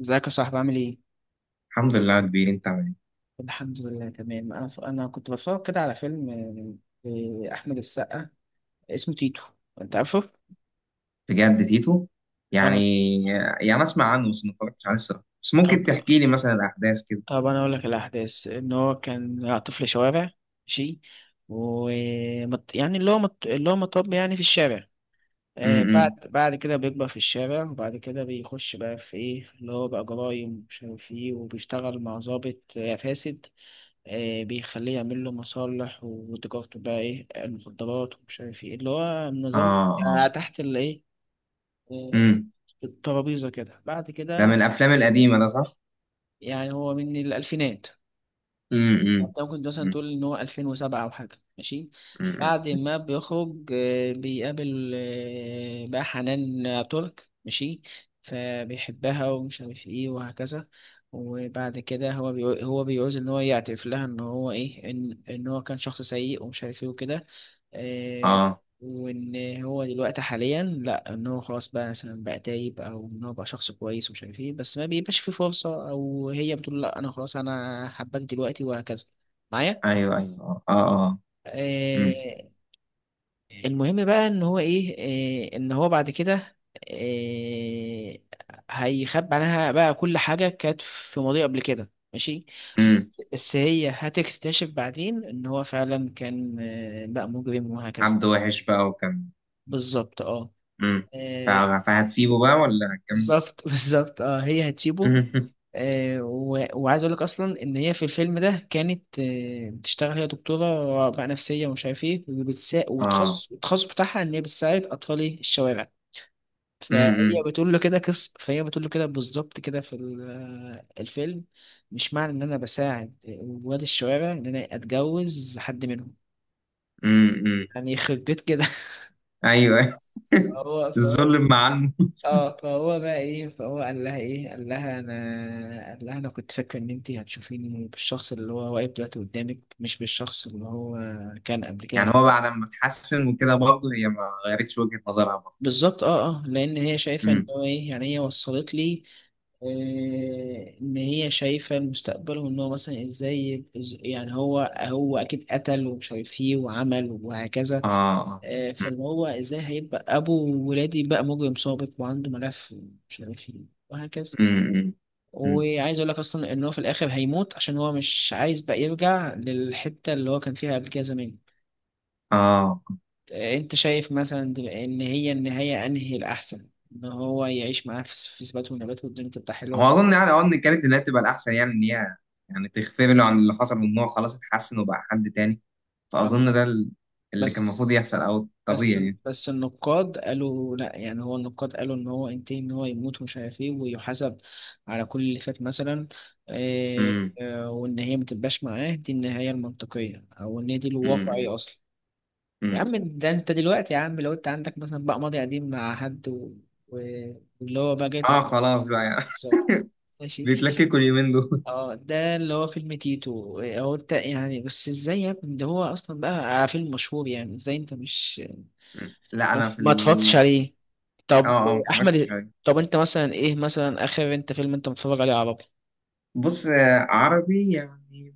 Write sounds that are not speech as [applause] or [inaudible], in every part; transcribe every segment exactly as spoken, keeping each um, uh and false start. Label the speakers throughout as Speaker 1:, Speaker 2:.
Speaker 1: ازيك يا صاحبي عامل ايه؟
Speaker 2: الحمد لله يا كبير، انت عامل ايه؟
Speaker 1: الحمد لله تمام انا انا كنت بتفرج كده على فيلم آه، لاحمد السقا اسمه تيتو، انت عارفه؟
Speaker 2: بجد تيتو؟ يعني
Speaker 1: اه.
Speaker 2: يعني اسمع عنه بس ما اتفرجتش عليه الصراحه، بس
Speaker 1: طب
Speaker 2: ممكن تحكي لي مثلا الاحداث كده؟
Speaker 1: طب انا اقول لك الاحداث ان هو كان طفل شوارع، ماشي، و مت- يعني اللي هو مت... اللي هو مطب يعني في الشارع. آه، بعد
Speaker 2: امم.
Speaker 1: بعد كده بيكبر في الشارع، وبعد كده بيخش بقى في ايه، اللي هو بقى جرايم ومش عارف ايه، وبيشتغل مع ضابط آه، فاسد. آه، بيخليه يعمل له مصالح وتجارته بقى ايه، المخدرات ومش عارف ايه، اللي هو
Speaker 2: اه.
Speaker 1: النظام آه،
Speaker 2: اه.
Speaker 1: تحت الايه آه،
Speaker 2: امم.
Speaker 1: الترابيزة كده بعد
Speaker 2: ده من
Speaker 1: كده.
Speaker 2: الافلام القديمه ده، صح؟
Speaker 1: يعني هو من الألفينات،
Speaker 2: امم.
Speaker 1: انت ممكن مثلا تقول إن هو ألفين وسبعة أو حاجة، ماشي.
Speaker 2: امم.
Speaker 1: بعد ما بيخرج آه، بيقابل آه، بقى حنان ترك، ماشي، فبيحبها ومش عارف ايه وهكذا. وبعد كده هو بيقول هو بيعوز ان هو يعترف لها ان هو ايه، ان ان هو كان شخص سيء ومش عارف ايه وكده. آه،
Speaker 2: اه.
Speaker 1: وان هو دلوقتي حاليا، لا، ان هو خلاص بقى مثلا بقى تايب، او ان هو بقى شخص كويس ومش عارف ايه، بس ما بيبقاش في فرصه، او هي بتقول لا انا خلاص انا حباك دلوقتي وهكذا معايا.
Speaker 2: ايوه ايوه اه اه اه. مم.
Speaker 1: آه، المهم بقى ان هو ايه، آه، ان هو بعد كده آه، هيخبي عنها بقى كل حاجه كانت في ماضيه قبل كده، ماشي.
Speaker 2: مم.
Speaker 1: بس هي هتكتشف بعدين ان هو فعلا كان آه، بقى مجرم وهكذا.
Speaker 2: حد وحش بقى وكان.
Speaker 1: بالظبط، اه.
Speaker 2: امم. ف-
Speaker 1: آه،
Speaker 2: فهتسيبه بقى ولا هتكمل؟
Speaker 1: بالظبط [laughs] بالظبط، اه، هي
Speaker 2: [laughs]
Speaker 1: هتسيبه.
Speaker 2: مم.
Speaker 1: آه، و- وعايز اقول لك اصلا ان هي في الفيلم ده كانت آه، بتشتغل، هي دكتوره بقى نفسيه ومش عارف ايه، وبتسا...
Speaker 2: اه.
Speaker 1: والتخصص التخصص بتاعها ان هي بتساعد اطفال إيه، الشوارع. فهي
Speaker 2: امم.
Speaker 1: بتقول له كده قصه، فهي بتقول له كده بالظبط كده في ال- آه، الفيلم، مش معنى ان انا بساعد ولاد الشوارع ان انا اتجوز حد منهم.
Speaker 2: امم.
Speaker 1: يعني [laughs] يخرب بيت كده [laughs]
Speaker 2: ايوه.
Speaker 1: هو
Speaker 2: [laughs]
Speaker 1: فهو
Speaker 2: الظلم مع المو-
Speaker 1: اه فهو بقى ايه، فهو قال لها ايه، قال لها انا قال لها انا كنت فاكر ان انت هتشوفيني بالشخص اللي هو واقف دلوقتي قدامك، مش بالشخص اللي هو كان قبل كده.
Speaker 2: يعني هو بعد ما اتحسن وكده برضه هي ما غيرتش وجهة نظرها؟
Speaker 1: بالظبط، اه اه، لان هي شايفه ان
Speaker 2: امم.
Speaker 1: هو ايه، يعني هي وصلت لي. آه، ان هي شايفه المستقبل، وان هو مثلا ازاي، إز- يعني هو هو اكيد قتل ومش عارف ايه وعمل وهكذا.
Speaker 2: اه.
Speaker 1: آه، فاللي هو ازاي هيبقى ابو ولادي بقى مجرم سابق وعنده ملف ومش عارف ايه وهكذا.
Speaker 2: امم. امم.
Speaker 1: وعايز اقول لك اصلا ان هو في الاخر هيموت عشان هو مش عايز بقى يرجع للحته اللي هو كان فيها قبل كده زمان.
Speaker 2: اه.
Speaker 1: آه، انت شايف مثلا دل- ان هي النهايه انهي الاحسن؟ ان هو يعيش معاه في في ثبات ونبات والدنيا تبقى
Speaker 2: هو
Speaker 1: حلوه.
Speaker 2: اظن يعني، اه، ان كانت اللي هي بتبقى الاحسن، يعني ان هي يعني تغفر له عن اللي حصل، وان هو خلاص اتحسن وبقى حد تاني. فاظن ده
Speaker 1: الله.
Speaker 2: ال- اللي كان المفروض
Speaker 1: بس
Speaker 2: يحصل، او الطبيعي
Speaker 1: بس
Speaker 2: يعني.
Speaker 1: بس النقاد قالوا لا. يعني هو النقاد قالوا ان هو انتهى ان هو يموت ومش عارف ايه ويحاسب على كل اللي فات مثلا. آه،
Speaker 2: امم.
Speaker 1: آه، وان هي ما تبقاش معاه، دي النهايه المنطقيه، او ان هي دي
Speaker 2: امم.
Speaker 1: الواقعيه اصلا. يا
Speaker 2: امم.
Speaker 1: عم، ده انت دلوقتي يا عم لو انت عندك مثلا بقى ماضي قديم مع حد و... و... واللي هو بقى جاي،
Speaker 2: اه خلاص بقى يعني.
Speaker 1: تنصات،
Speaker 2: [laughs]
Speaker 1: ماشي.
Speaker 2: بيتلككوا اليومين دول.
Speaker 1: اه، ده اللي هو فيلم تيتو. اه، هو انت يعني بس ازاي يا ابني؟ ده هو اصلا بقى فيلم مشهور، يعني ازاي انت مش
Speaker 2: لا
Speaker 1: ما
Speaker 2: انا في
Speaker 1: ما اتفرجتش
Speaker 2: ال...
Speaker 1: عليه؟
Speaker 2: اه
Speaker 1: طب
Speaker 2: اه، ما اتفرجتش
Speaker 1: احمد،
Speaker 2: عليه.
Speaker 1: طب انت مثلا ايه مثلا اخر انت فيلم انت متفرج عليه عربي؟
Speaker 2: بص، آه، عربي يعني.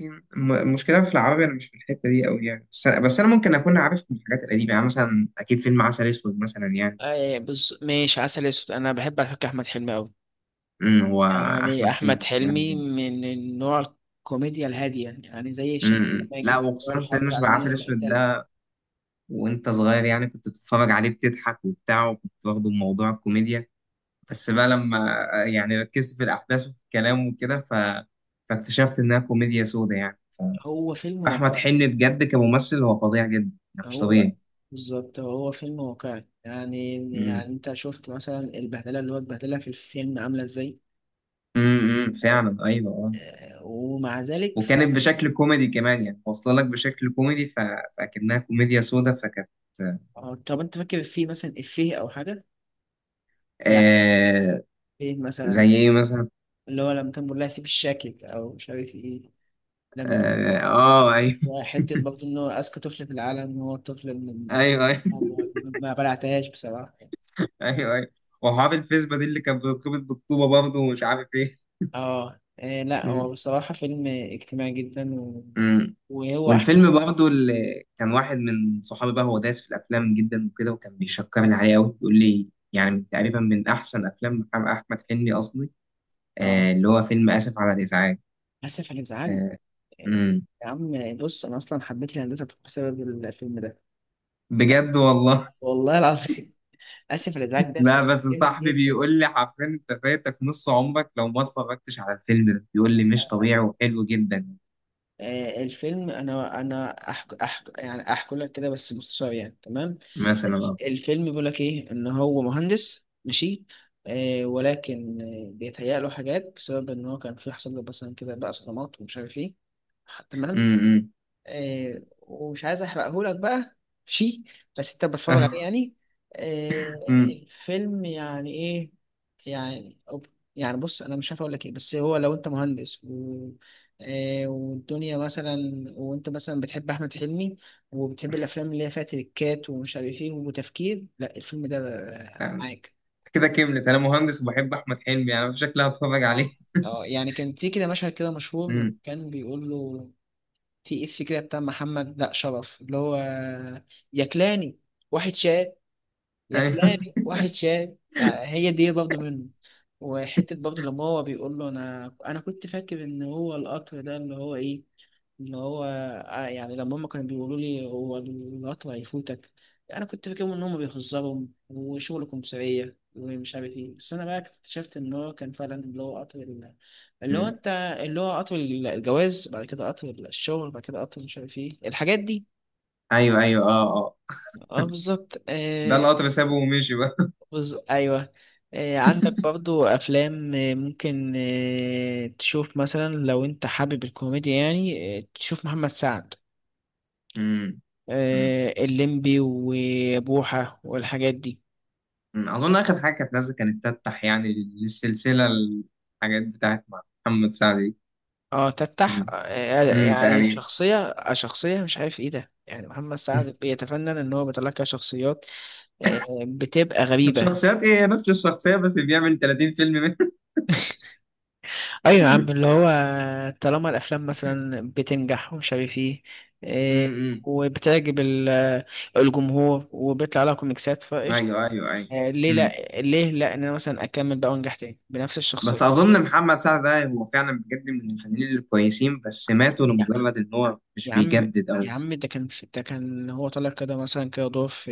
Speaker 2: ممكن الم- المشكلة في العربي، أنا مش في الحتة دي أوي يعني، بس أنا, بس أنا ممكن أكون عارف من الحاجات القديمة، يعني مثلا أكيد فيلم عسل أسود مثلا يعني.
Speaker 1: آه بز... ماشي، عسل اسود، انا بحب على فكره احمد حلمي قوي.
Speaker 2: أمم، هو.
Speaker 1: يعني
Speaker 2: أحمد
Speaker 1: أحمد
Speaker 2: حلمي جامد
Speaker 1: حلمي
Speaker 2: جدا.
Speaker 1: من النوع الكوميديا الهادية، يعني يعني زي
Speaker 2: أمم،
Speaker 1: الشيخ
Speaker 2: إمم. لا،
Speaker 1: ماجد، هو
Speaker 2: وخصوصا
Speaker 1: الحرب
Speaker 2: فيلم شبه عسل
Speaker 1: العالمية
Speaker 2: أسود
Speaker 1: الثالثة.
Speaker 2: ده، وأنت صغير يعني كنت بتتفرج عليه بتضحك وبتاع، وكنت واخده بموضوع الكوميديا. بس بقى لما آه، يعني ركزت في الأحداث وفي الكلام وكده، ف... فاكتشفت إنها كوميديا سودا يعني.
Speaker 1: هو فيلم
Speaker 2: فأحمد
Speaker 1: واقعي.
Speaker 2: حلمي بجد كممثل هو فظيع جدا يعني، مش
Speaker 1: هو
Speaker 2: طبيعي.
Speaker 1: بالظبط هو فيلم واقعي يعني.
Speaker 2: أمم.
Speaker 1: يعني أنت شفت مثلا البهدلة اللي هو اتبهدلها في الفيلم عاملة إزاي.
Speaker 2: امم، إمم، فعلا ايوه آه.
Speaker 1: آه، ومع ذلك ف...
Speaker 2: وكانت بشكل كوميدي كمان، يعني واصله لك بشكل كوميدي، ف... فاكنها كوميديا سودا، فكانت
Speaker 1: آه، طب أنت فاكر فيه مثلا إفيه أو حاجة يعني؟
Speaker 2: آه.
Speaker 1: إيه مثلا؟
Speaker 2: زي ايه مثلا؟
Speaker 1: اللي هو لما كان بيقول لها سيب الشاكك أو مش عارف إيه لما.
Speaker 2: اه، آه ايوه.
Speaker 1: وحتة برضه إنه أذكى طفل في العالم هو الطفل اللي
Speaker 2: [laughs]
Speaker 1: ما
Speaker 2: ايوه ايوه
Speaker 1: ما بلعتهاش بصراحة.
Speaker 2: ايوه ايوه. وحافظ الفيسبا دي اللي كانت بترتبط بالطوبه برضه ومش عارف ايه.
Speaker 1: اه إيه، لا هو
Speaker 2: مم.
Speaker 1: بصراحة فيلم اجتماعي جدا و...
Speaker 2: مم.
Speaker 1: وهو أحلى.
Speaker 2: والفيلم برضه اللي كان واحد من صحابي بقى، هو دايس في الافلام جدا وكده، وكان بيشكرني عليه قوي، بيقول لي يعني تقريبا من احسن افلام محمد- احمد حلمي قصدي،
Speaker 1: اه،
Speaker 2: آه اللي هو فيلم اسف على الازعاج.
Speaker 1: آسف على الإزعاج.
Speaker 2: آه.
Speaker 1: إيه،
Speaker 2: مم.
Speaker 1: يا عم بص، أنا أصلا حبيت الهندسة بسبب الفيلم ده. آسف.
Speaker 2: بجد والله.
Speaker 1: والله العظيم [laughs] آسف على الإزعاج ده
Speaker 2: لا
Speaker 1: فيلم
Speaker 2: بس
Speaker 1: جامد
Speaker 2: صاحبي بيقول لي حرفيا انت فاتك نص عمرك لو ما اتفرجتش على الفيلم ده، بيقول لي مش
Speaker 1: جدا.
Speaker 2: طبيعي وحلو جدا.
Speaker 1: آه، الفيلم، انا انا أحك... أحك... يعني احكي لك كده بس باختصار يعني، تمام.
Speaker 2: مثلا اه.
Speaker 1: الفيلم بيقول لك ايه، ان هو مهندس، ماشي. آه، ولكن آه، بيتهيأ له حاجات بسبب ان هو كان في، حصل له مثلا كده بقى صدمات ومش عارف ايه، تمام.
Speaker 2: امم.
Speaker 1: آه، ومش عايز احرقهولك بقى شي، بس انت بتتفرج عليه
Speaker 2: [laughs]
Speaker 1: يعني. آه،
Speaker 2: امم.
Speaker 1: الفيلم يعني ايه، يعني أب- يعني بص انا مش عارف اقول لك ايه، بس هو لو انت مهندس و... آه، والدنيا مثلا، وانت مثلا بتحب احمد حلمي، وبتحب الافلام اللي هي فيها تريكات ومش عارف ايه وتفكير، لا الفيلم ده آه، معاك.
Speaker 2: كده كملت، انا مهندس وبحب احمد حلمي، يعني انا في شكلي هتفرج عليه.
Speaker 1: اه اه، يعني كان في كده مشهد كده مشهور لما
Speaker 2: امم.
Speaker 1: كان بيقول له في إف كده بتاع محمد لا شرف اللي هو يا كلاني واحد شاي.
Speaker 2: [laughs]
Speaker 1: يا
Speaker 2: ايوه.
Speaker 1: كلاري واحد شاي، آه، هي دي برضه منه. وحتة برضه لما هو بيقول له أنا أنا كنت فاكر إن هو القطر ده اللي هو إيه، اللي هو آه، يعني لما هما كانوا بيقولوا لي هو القطر هيفوتك، أنا كنت فاكرهم إن هما بيهزروا وشغل كمثرية ومش عارف إيه، بس أنا بقى اكتشفت إن هو كان فعلا اللي هو قطر ال- اللي هو
Speaker 2: امم.
Speaker 1: أنت اللي هو قطر الجواز، بعد كده قطر الشغل، بعد كده قطر مش عارف إيه الحاجات دي.
Speaker 2: ايوه ايوه اه اه.
Speaker 1: أه بالظبط.
Speaker 2: ده
Speaker 1: آه،
Speaker 2: القطر سابه ومشي بقى.
Speaker 1: بص ايوه. آه، عندك برضو افلام آه، ممكن آه، تشوف مثلا لو انت حابب الكوميديا، يعني آه، تشوف محمد سعد،
Speaker 2: امم. امم.
Speaker 1: آه، الليمبي وبوحة والحاجات دي.
Speaker 2: أمم. اظن اخر حاجه كانت نازله كانت تفتح يعني للسلسله، الحاجات بتاعت محمد سعد دي.
Speaker 1: اه
Speaker 2: امم.
Speaker 1: تفتح، آه،
Speaker 2: امم
Speaker 1: يعني
Speaker 2: تقريبا.
Speaker 1: شخصية، آه، شخصية مش عارف ايه ده، يعني محمد سعد بيتفنن ان هو بيطلع لك شخصيات
Speaker 2: [laughs]
Speaker 1: آه، بتبقى غريبة.
Speaker 2: الشخصيات ايه، هي نفس الشخصية بس بيعمل ثلاثين فيلم منه.
Speaker 1: ايوه يا عم، اللي
Speaker 2: [laughs]
Speaker 1: هو طالما الافلام مثلا بتنجح ومش عارف ايه. إيه،
Speaker 2: امم.
Speaker 1: وبتعجب ال- الجمهور، وبيطلع لها كوميكسات فقشطه،
Speaker 2: ايوه ايوه ايوه.
Speaker 1: آه، ليه
Speaker 2: مم.
Speaker 1: لا؟ ليه لا ان انا مثلا اكمل بقى وانجح تاني بنفس
Speaker 2: بس
Speaker 1: الشخصيه.
Speaker 2: اظن محمد سعد ده هو فعلا بجد من الفنانين الكويسين، بس ماتوا
Speaker 1: يا
Speaker 2: لمجرد ان هو مش
Speaker 1: يا عم
Speaker 2: بيجدد
Speaker 1: يا
Speaker 2: او.
Speaker 1: عم ده كان في، ده كان هو طالع كده مثلا كده دور في،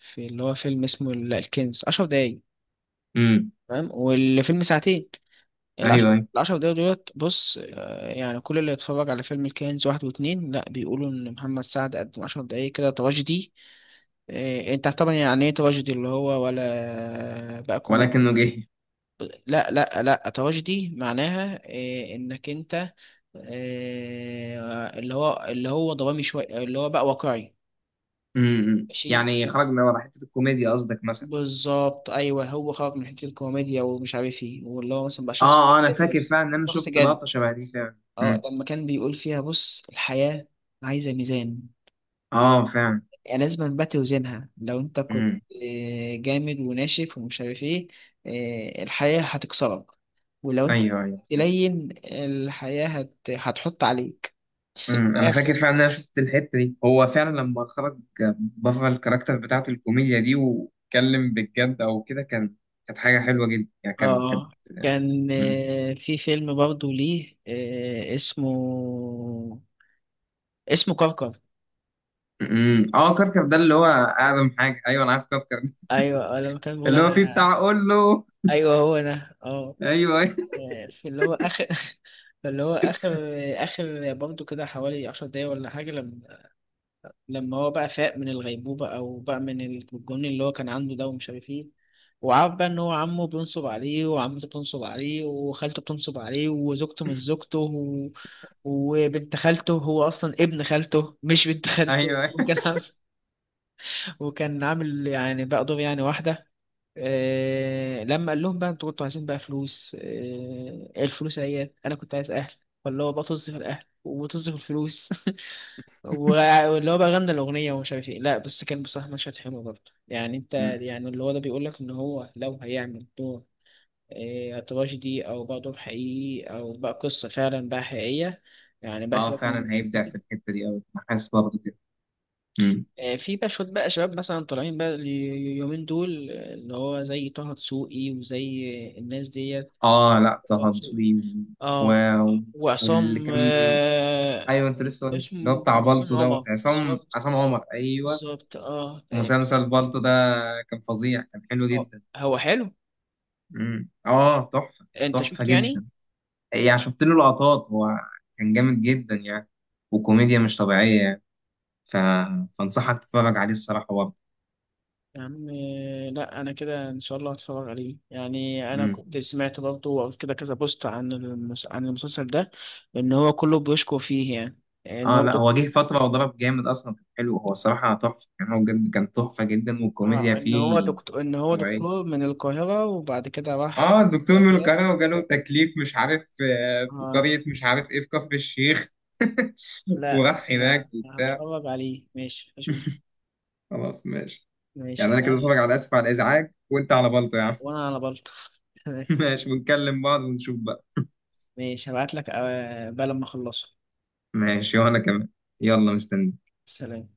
Speaker 1: في اللي هو فيلم اسمه ال- الكنز، 10 دقايق
Speaker 2: امم.
Speaker 1: فاهم والفيلم ساعتين.
Speaker 2: ايوه
Speaker 1: العشر
Speaker 2: ايوه.
Speaker 1: العشر دقايق دولت، بص آه، يعني كل اللي يتفرج على فيلم الكنز واحد واتنين لا بيقولوا ان محمد سعد قدم عشر دقايق كده تراجيدي. آه، انت طبعا يعني ايه تراجيدي؟ اللي هو ولا بقى
Speaker 2: ولكنه
Speaker 1: كوميدي؟
Speaker 2: جه.
Speaker 1: لا لا لا تراجيدي معناها آه، انك انت آه، اللي هو اللي هو درامي شويه، اللي هو بقى واقعي.
Speaker 2: امم.
Speaker 1: شيء
Speaker 2: يعني خرج من ورا حتة الكوميديا قصدك مثلا؟
Speaker 1: بالظبط، ايوه، هو خرج من حته الكوميديا ومش عارف ايه، واللي هو مثلا بقى شخص
Speaker 2: اه
Speaker 1: بقى
Speaker 2: اه، انا فاكر
Speaker 1: سيريوس،
Speaker 2: فعلا ان انا
Speaker 1: شخص
Speaker 2: شفت
Speaker 1: جد.
Speaker 2: لقطة شبه دي فعلا.
Speaker 1: اه
Speaker 2: امم.
Speaker 1: لما كان بيقول فيها بص الحياة عايزة ميزان،
Speaker 2: اه فعلا.
Speaker 1: يعني لازم بقى توزنها، لو انت كنت
Speaker 2: امم.
Speaker 1: آه، جامد وناشف ومش عارف ايه آه، الحياة هتكسرك، ولو انت
Speaker 2: ايوه ايوه.
Speaker 1: تلين الحياة هت... هتحط عليك.
Speaker 2: امم، انا فاكر
Speaker 1: آخر،
Speaker 2: فعلا ان انا شفت الحته دي هو فعلا لما خرج بره الكاركتر بتاعت الكوميديا دي واتكلم بالجد او كده، كان كانت حاجه حلوه جدا يعني، كان كانت.
Speaker 1: اه، كان
Speaker 2: مم.
Speaker 1: آه، في فيلم برضه ليه آه، اسمه، اسمه كركر.
Speaker 2: مم. اه كركر ده اللي هو اقدم حاجه، ايوه انا عارف كركر ده.
Speaker 1: ايوه، آه، لما كان
Speaker 2: [laughs]
Speaker 1: بيقول
Speaker 2: اللي هو فيه بتاع
Speaker 1: انا،
Speaker 2: اقول له.
Speaker 1: ايوه هو انا اه،
Speaker 2: ايوه ايوه. [laughs]
Speaker 1: في اللي هو اخر [laughs] في اللي هو اخر اخر برضه كده حوالي عشر دقايق ولا حاجه، لما لما هو بقى فاق من الغيبوبه او بقى من الجنون اللي هو كان عنده ده ومش عارف ايه، وعارف بقى ان هو عمه بينصب عليه، وعمته بتنصب عليه، وخالته بتنصب عليه، وزوجته مش زوجته و... وبنت خالته، هو اصلا ابن خالته مش بنت خالته
Speaker 2: ايوه
Speaker 1: [laughs]
Speaker 2: أيوة.
Speaker 1: وكان عامل، وكان عامل يعني بقى دور يعني واحدة. آه، لما قال لهم بقى انتوا كنتوا عايزين بقى فلوس، آه، إيه الفلوس اهيت، انا كنت عايز اهل، فاللي هو بقى طز في الاهل وطز في الفلوس [laughs] و- واللي هو بقى غنى الاغنيه ومش عارف ايه. لا بس كان بصراحه مشهد حلو برضه يعني انت،
Speaker 2: مم.
Speaker 1: يعني اللي هو ده بيقول لك ان هو لو هيعمل دور آه تراجيدي او بقى دور حقيقي او بقى قصه فعلا بقى حقيقيه، يعني بقى
Speaker 2: اه
Speaker 1: سيبك من.
Speaker 2: فعلا هيبدع في الحته دي قوي، انا حاسس برضه كده. مم.
Speaker 1: آه، في بقى شوية بقى شباب مثلا طالعين بقى اليومين دول آه، اللي هو زي طه دسوقي وزي الناس ديت.
Speaker 2: اه لا،
Speaker 1: طه
Speaker 2: طه
Speaker 1: دسوقي،
Speaker 2: دسوقي. و.
Speaker 1: اه،
Speaker 2: و- واللي
Speaker 1: وعصام،
Speaker 2: كان.
Speaker 1: آه
Speaker 2: ايوه، انت لسه قلت اللي هو
Speaker 1: اسمه
Speaker 2: بتاع
Speaker 1: عصام
Speaker 2: بالطو دوت
Speaker 1: عمر،
Speaker 2: عصام،
Speaker 1: بالظبط،
Speaker 2: عصام عمر، ايوه.
Speaker 1: بالظبط اه. آه،
Speaker 2: مسلسل بالطو ده كان فظيع، كان حلو
Speaker 1: هو
Speaker 2: جدا.
Speaker 1: هو حلو.
Speaker 2: امم. اه تحفة.
Speaker 1: انت
Speaker 2: تحفة
Speaker 1: شفته يعني؟
Speaker 2: جدا. يعني شفت له لقطات، هو كان جامد جدا يعني، وكوميديا مش طبيعية يعني، ف... فانصحك تتفرج عليه الصراحة برضه.
Speaker 1: يا عم، آه، لا انا كده ان شاء الله هتفرج عليه. يعني انا
Speaker 2: امم.
Speaker 1: كنت سمعت برضه وقريت كده كذا بوست عن المس... عن المسلسل ده ان هو كله بيشكو فيه، يعني ان
Speaker 2: اه
Speaker 1: هو
Speaker 2: لا هو جه فترة وضرب جامد اصلا، كان حلو، هو الصراحة تحفة يعني، هو بجد كان تحفة جدا والكوميديا
Speaker 1: اه، ان هو
Speaker 2: فيه
Speaker 1: دكتور، ان هو
Speaker 2: طبيعية.
Speaker 1: دكتور من القاهرة وبعد كده راح
Speaker 2: اه الدكتور من
Speaker 1: الأرياف.
Speaker 2: القاهرة وجاله تكليف، مش عارف آه، في
Speaker 1: اه
Speaker 2: قرية، مش عارف ايه، في كفر الشيخ. [laughs]
Speaker 1: لا
Speaker 2: وراح
Speaker 1: انا،
Speaker 2: هناك
Speaker 1: أنا
Speaker 2: وبتاع.
Speaker 1: هتفرج عليه ماشي، مفيش مشكلة.
Speaker 2: خلاص ماشي.
Speaker 1: ماشي
Speaker 2: يعني
Speaker 1: انا
Speaker 2: انا كده
Speaker 1: قاف،
Speaker 2: اتفرج على اسف على الازعاج وانت على بلطة يا عم.
Speaker 1: وانا على بلطف [laughs]
Speaker 2: [laughs]
Speaker 1: تمام.
Speaker 2: ماشي، بنكلم بعض ونشوف بقى.
Speaker 1: ماشي هبعت لك آه، بقى لما اخلصه.
Speaker 2: ماشي وانا كمان. يلا مستني.
Speaker 1: سلام.